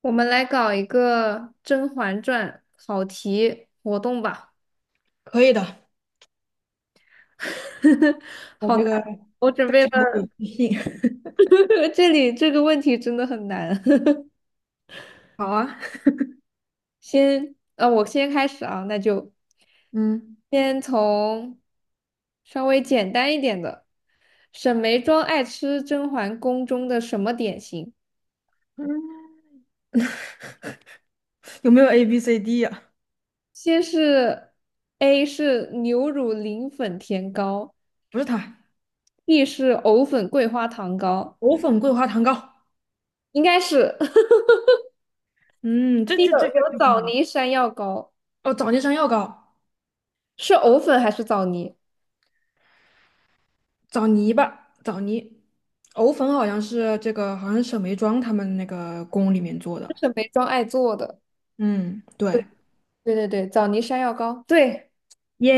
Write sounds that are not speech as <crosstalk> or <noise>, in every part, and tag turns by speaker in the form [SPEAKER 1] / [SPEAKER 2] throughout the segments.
[SPEAKER 1] 我们来搞一个《甄嬛传》考题活动吧。
[SPEAKER 2] 可以的，
[SPEAKER 1] <laughs>
[SPEAKER 2] 我
[SPEAKER 1] 好
[SPEAKER 2] 这
[SPEAKER 1] 难，
[SPEAKER 2] 个
[SPEAKER 1] 我准
[SPEAKER 2] 非
[SPEAKER 1] 备
[SPEAKER 2] 常的
[SPEAKER 1] 了，
[SPEAKER 2] 有自信。<laughs>
[SPEAKER 1] <laughs> 这里这个问题真的很难。
[SPEAKER 2] 好啊，
[SPEAKER 1] <laughs> 先，我先开始啊，那就
[SPEAKER 2] 嗯，
[SPEAKER 1] 先从稍微简单一点的。沈眉庄爱吃甄嬛宫中的什么点心？
[SPEAKER 2] 有没有 A B C D 呀、
[SPEAKER 1] 先是 A 是牛乳磷粉甜糕
[SPEAKER 2] 不是它，
[SPEAKER 1] ，B 是藕粉桂花糖糕，
[SPEAKER 2] 藕粉桂花糖糕。
[SPEAKER 1] 应该是。<laughs>
[SPEAKER 2] 嗯，这
[SPEAKER 1] 有
[SPEAKER 2] 这这个
[SPEAKER 1] 有
[SPEAKER 2] 这个很
[SPEAKER 1] 枣
[SPEAKER 2] 简单。
[SPEAKER 1] 泥山药糕，
[SPEAKER 2] 哦，枣泥山药糕，
[SPEAKER 1] 是藕粉还是枣泥？
[SPEAKER 2] 枣泥吧，枣泥。藕粉好像是这个，好像是沈眉庄他们那个宫里面做的。
[SPEAKER 1] 这是梅庄爱做的。
[SPEAKER 2] 嗯，对，
[SPEAKER 1] 对对对，枣泥山药糕。对，
[SPEAKER 2] 耶，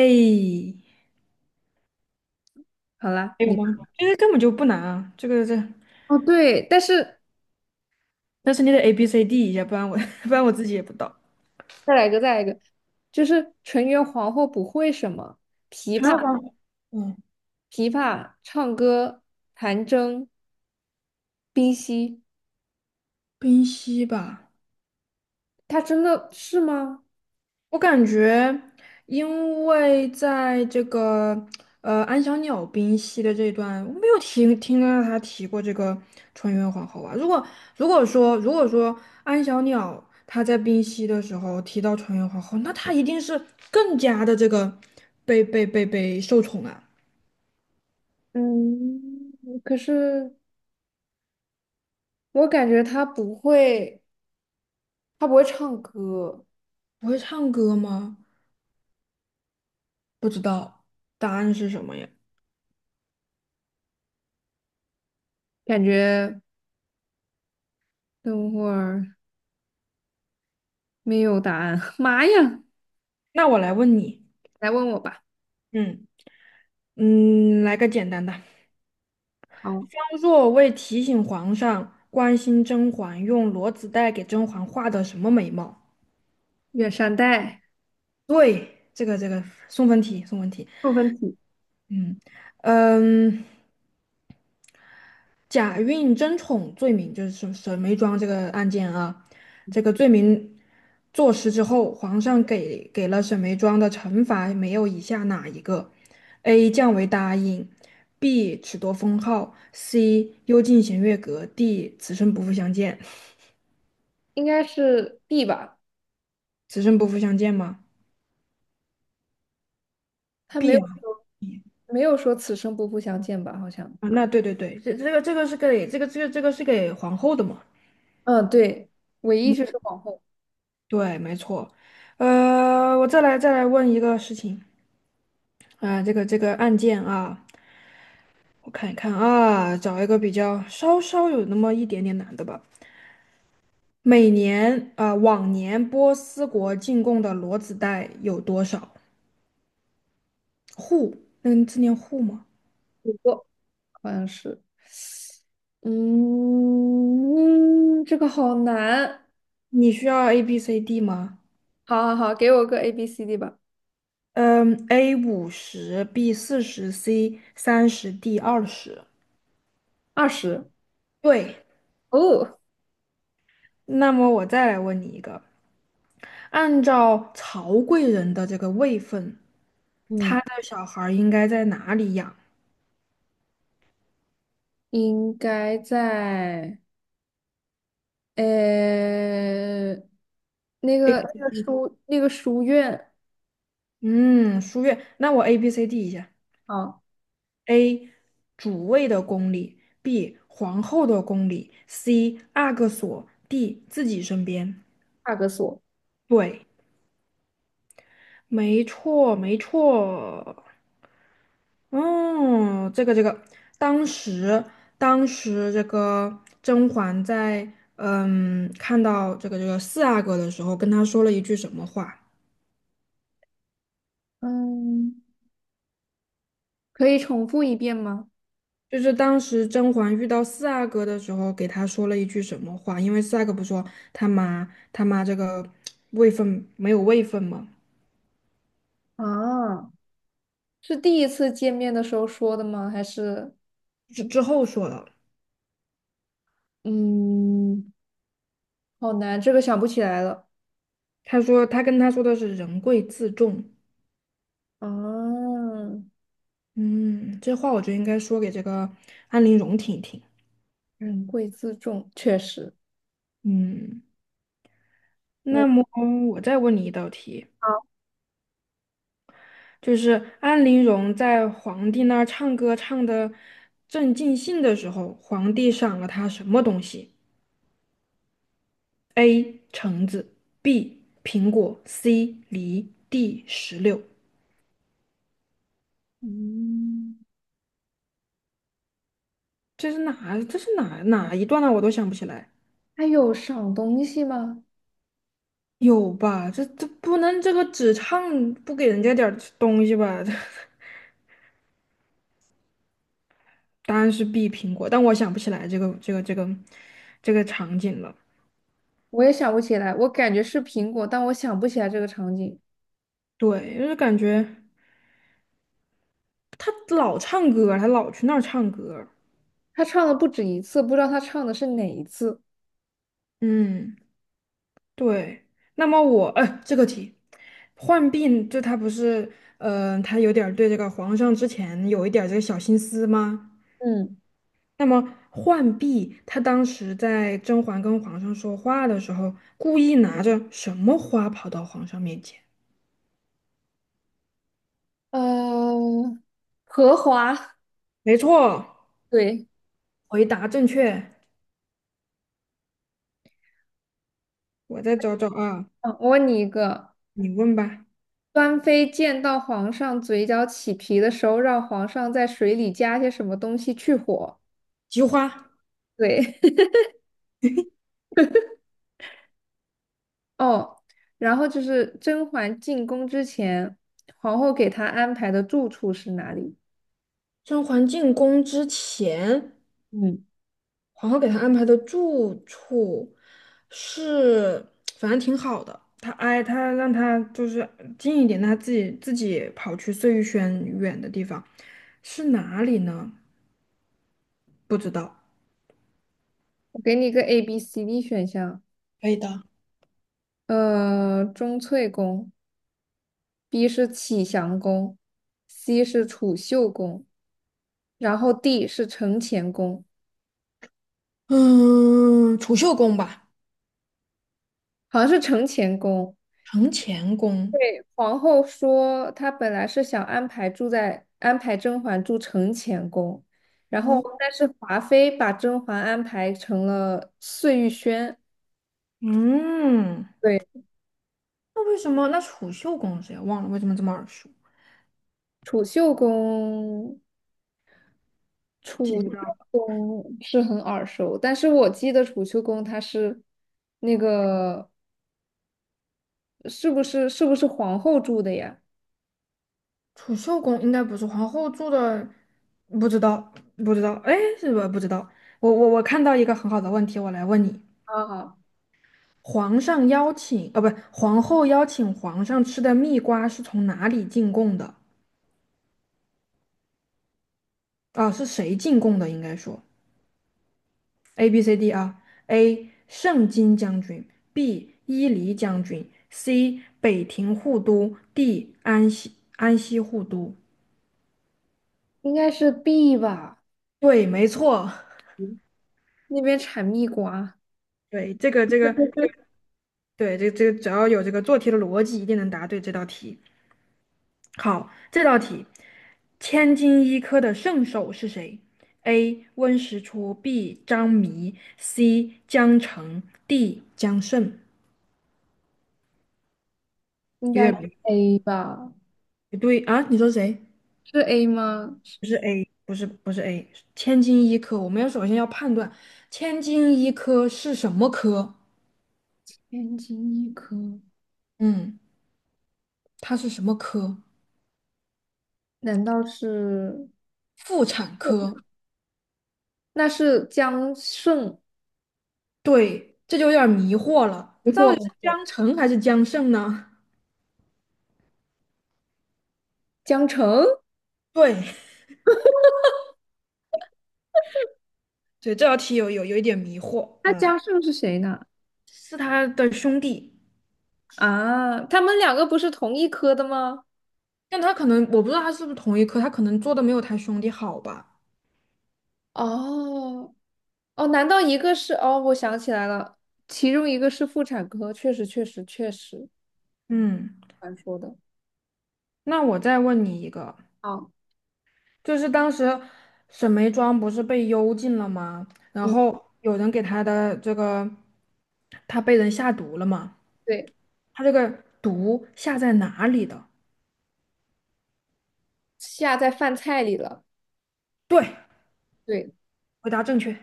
[SPEAKER 1] 好啦，
[SPEAKER 2] 还有
[SPEAKER 1] 你
[SPEAKER 2] 吗？这个根本就不难啊，这个这，
[SPEAKER 1] 哦对，但是
[SPEAKER 2] 但是你得 A B C D 一下，不然我 <laughs> 不然我自己也不到。
[SPEAKER 1] 再来一个，再来一个，就是纯元皇后不会什么琵
[SPEAKER 2] 还有
[SPEAKER 1] 琶、
[SPEAKER 2] 吧，嗯，
[SPEAKER 1] 琵琶、唱歌、弹筝、冰嬉，
[SPEAKER 2] 冰溪吧，
[SPEAKER 1] 她真的是吗？
[SPEAKER 2] 我感觉，因为在这个安小鸟冰溪的这一段，我没有听到他提过这个纯元皇后啊。如果如果说安小鸟她在冰溪的时候提到纯元皇后，那她一定是更加的这个被受宠啊。
[SPEAKER 1] 嗯，可是我感觉她不会，她不会唱歌，
[SPEAKER 2] 不会唱歌吗？不知道，答案是什么呀？
[SPEAKER 1] 感觉等会儿没有答案。<laughs> 妈呀！
[SPEAKER 2] 那我来问你，
[SPEAKER 1] 来问我吧。
[SPEAKER 2] 嗯嗯，来个简单的。
[SPEAKER 1] 好，
[SPEAKER 2] 当若为提醒皇上关心甄嬛，用裸子带给甄嬛画的什么眉毛？
[SPEAKER 1] 远山黛
[SPEAKER 2] 对，这个这个送分题，送分题。
[SPEAKER 1] 部分体，
[SPEAKER 2] 嗯嗯，假孕争宠罪名就是沈眉庄这个案件啊，这个罪名坐实之后，皇上给了沈眉庄的惩罚没有以下哪一个？A. 降为答应，B. 褫夺封号，C. 幽禁衔月阁，D. 此生不复相见。
[SPEAKER 1] 应该是 B 吧？
[SPEAKER 2] 此生不复相见吗？
[SPEAKER 1] 他没有
[SPEAKER 2] 变
[SPEAKER 1] 说
[SPEAKER 2] 眼睛
[SPEAKER 1] 没有说此生不复相见吧？好像，
[SPEAKER 2] 啊，那对，这这个这个是给这个这个这个是给皇后的嘛？
[SPEAKER 1] 嗯，对，唯一就是皇后，
[SPEAKER 2] 对，没错。我再来问一个事情啊，这个这个案件啊，我看一看啊，找一个比较稍稍有那么一点点难的吧。每年啊，往年波斯国进贡的骡子带有多少户？嗯，字念户吗？
[SPEAKER 1] 不过好像是。嗯，这个好难。
[SPEAKER 2] 你需要 A B C D 吗？
[SPEAKER 1] 好好好，给我个 A B C D 吧。
[SPEAKER 2] 嗯，A 50，B 40，C 30，D 20。
[SPEAKER 1] 20
[SPEAKER 2] 对，
[SPEAKER 1] 哦，
[SPEAKER 2] 那么我再来问你一个，按照曹贵人的这个位分，他
[SPEAKER 1] 嗯，
[SPEAKER 2] 的小孩儿应该在哪里养？
[SPEAKER 1] 应该在呃那个那个书那个书院
[SPEAKER 2] 嗯，书院。那我 A B C D 一下
[SPEAKER 1] 啊，
[SPEAKER 2] ：A 主位的宫里，B 皇后的宫里，C 阿哥所，D 自己身边。
[SPEAKER 1] 帕格索。
[SPEAKER 2] 对，没错，没错。哦，这个这个，当时当时这个甄嬛在看到这个这个四阿哥的时候，跟他说了一句什么话？
[SPEAKER 1] 嗯。可以重复一遍吗？
[SPEAKER 2] 就是当时甄嬛遇到四阿哥的时候，给他说了一句什么话？因为四阿哥不是说他妈这个位分没有位分嘛，
[SPEAKER 1] 啊，是第一次见面的时候说的吗？还是
[SPEAKER 2] 之后说了，
[SPEAKER 1] 嗯，好难，这个想不起来了。
[SPEAKER 2] 他说他跟他说的是人贵自重，
[SPEAKER 1] 啊，
[SPEAKER 2] 嗯，这话我觉得应该说给这个安陵容听一听，
[SPEAKER 1] 人贵自重，确实，
[SPEAKER 2] 嗯。那
[SPEAKER 1] 我
[SPEAKER 2] 么我再问你一道题，
[SPEAKER 1] 好，
[SPEAKER 2] 就是安陵容在皇帝那儿唱歌唱的正尽兴的时候，皇帝赏了她什么东西？A. 橙子，B. 苹果，C. 梨，D. 石榴。
[SPEAKER 1] 嗯，
[SPEAKER 2] 这是哪？这是哪一段呢、我都想不起来。
[SPEAKER 1] 还有赏东西吗？
[SPEAKER 2] 有吧？这这不能这个只唱不给人家点儿东西吧？<laughs> 答案是 B. 苹果，但我想不起来这个这个这个这个场景了。
[SPEAKER 1] 我也想不起来，我感觉是苹果，但我想不起来这个场景。
[SPEAKER 2] 对，就是感觉。老唱歌，他老去那儿唱歌。
[SPEAKER 1] 他唱了不止一次，不知道他唱的是哪一次。
[SPEAKER 2] 嗯，对。那么我，这个题，浣碧就他不是，他有点儿对这个皇上之前有一点儿这个小心思吗？
[SPEAKER 1] 嗯，
[SPEAKER 2] 那么浣碧他当时在甄嬛跟皇上说话的时候，故意拿着什么花跑到皇上面前？
[SPEAKER 1] 呃，荷花。
[SPEAKER 2] 没错，
[SPEAKER 1] 对，
[SPEAKER 2] 回答正确。我再找找啊，
[SPEAKER 1] 嗯，我问你一个，
[SPEAKER 2] 你问吧。
[SPEAKER 1] 端妃见到皇上嘴角起皮的时候，让皇上在水里加些什么东西去火。
[SPEAKER 2] 菊花，
[SPEAKER 1] 对，<laughs> 哦，然后就是甄嬛进宫之前，皇后给她安排的住处是哪里？
[SPEAKER 2] 甄嬛进宫之前。
[SPEAKER 1] 嗯，
[SPEAKER 2] 皇后给他安排的住处是，反正挺好的。他哎，他让他就是近一点，他自己跑去碎玉轩远的地方，是哪里呢？不知道。
[SPEAKER 1] 我给你一个 A、B、C、D 选项，
[SPEAKER 2] 可以的。
[SPEAKER 1] 钟粹宫，B 是启祥宫，C 是储秀宫，然后 D 是承乾宫，
[SPEAKER 2] 嗯，储秀宫吧，
[SPEAKER 1] 好像是承乾宫。
[SPEAKER 2] 承乾宫。
[SPEAKER 1] 对皇后说，她本来是想安排住在安排甄嬛住承乾宫，然后
[SPEAKER 2] 哦，
[SPEAKER 1] 但是华妃把甄嬛安排成了碎玉轩。
[SPEAKER 2] 嗯，
[SPEAKER 1] 对，
[SPEAKER 2] 那为什么？那储秀宫是谁忘了？为什么这么耳熟？
[SPEAKER 1] 储秀宫，
[SPEAKER 2] 记
[SPEAKER 1] 储秀
[SPEAKER 2] 不到。
[SPEAKER 1] 宫是很耳熟，但是我记得储秀宫它是那个是不是皇后住的呀？
[SPEAKER 2] 储秀宫应该不是皇后住的，不知道，不知道，哎，是吧？不知道。我看到一个很好的问题，我来问你：
[SPEAKER 1] 啊，
[SPEAKER 2] 皇上邀请，啊，不，皇后邀请皇上吃的蜜瓜是从哪里进贡的？啊，是谁进贡的？应该说 A B C D 啊，A 盛京将军，B 伊犁将军，C 北庭护都，D 安西护都。
[SPEAKER 1] 应该是 B 吧，
[SPEAKER 2] 对，没错。
[SPEAKER 1] 嗯那边产蜜瓜
[SPEAKER 2] <laughs> 对，这个这个对，这这只要有这个做题的逻辑，一定能答对这道题。好，这道题，千金一科的圣手是谁？A. 温实初，B. 张弥，C. 江澄，D. 江胜。
[SPEAKER 1] 应
[SPEAKER 2] 有
[SPEAKER 1] 该是
[SPEAKER 2] 点
[SPEAKER 1] A 吧？
[SPEAKER 2] 不对啊？你说谁？
[SPEAKER 1] 是 A 吗？
[SPEAKER 2] 不是 A，不是 A，千金一科。我们要首先要判断千金一科是什么科？
[SPEAKER 1] 天津医科，
[SPEAKER 2] 嗯，它是什么科？
[SPEAKER 1] 难道是？
[SPEAKER 2] 妇产科。
[SPEAKER 1] 那是江胜，
[SPEAKER 2] 对，这就有点迷惑了，
[SPEAKER 1] 没
[SPEAKER 2] 到
[SPEAKER 1] 错
[SPEAKER 2] 底是
[SPEAKER 1] 没错
[SPEAKER 2] 江澄还是江胜呢？
[SPEAKER 1] 江城，
[SPEAKER 2] 对对，这道题有一点迷惑，
[SPEAKER 1] 那
[SPEAKER 2] 嗯，
[SPEAKER 1] 江胜是谁呢？
[SPEAKER 2] 是他的兄弟，
[SPEAKER 1] 啊，他们两个不是同一科的吗？
[SPEAKER 2] 但他可能我不知道他是不是同一科，他可能做的没有他兄弟好吧。
[SPEAKER 1] 哦哦，难道一个是？哦，我想起来了，其中一个是妇产科，确实确实确实，
[SPEAKER 2] 嗯，
[SPEAKER 1] 传说的。
[SPEAKER 2] 那我再问你一个，
[SPEAKER 1] 啊，
[SPEAKER 2] 就是当时沈眉庄不是被幽禁了吗？然
[SPEAKER 1] 嗯，
[SPEAKER 2] 后有人给他的这个，他被人下毒了吗？
[SPEAKER 1] 对，
[SPEAKER 2] 他这个毒下在哪里的？
[SPEAKER 1] 下在饭菜里了。
[SPEAKER 2] 对，
[SPEAKER 1] 对，
[SPEAKER 2] 回答正确，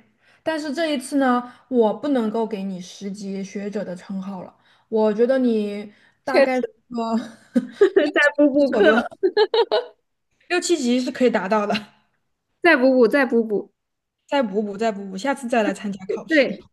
[SPEAKER 2] 但是这一次呢，我不能够给你10级学者的称号了。我觉得你大
[SPEAKER 1] 确
[SPEAKER 2] 概个
[SPEAKER 1] 实
[SPEAKER 2] <laughs> 六
[SPEAKER 1] <laughs> 再
[SPEAKER 2] 七
[SPEAKER 1] 补
[SPEAKER 2] 级
[SPEAKER 1] 补
[SPEAKER 2] 左
[SPEAKER 1] 课，
[SPEAKER 2] 右，六七级是可以达到的。
[SPEAKER 1] 再补补，再补补。
[SPEAKER 2] 再补补，再补补，下次再来参加考试。
[SPEAKER 1] 对，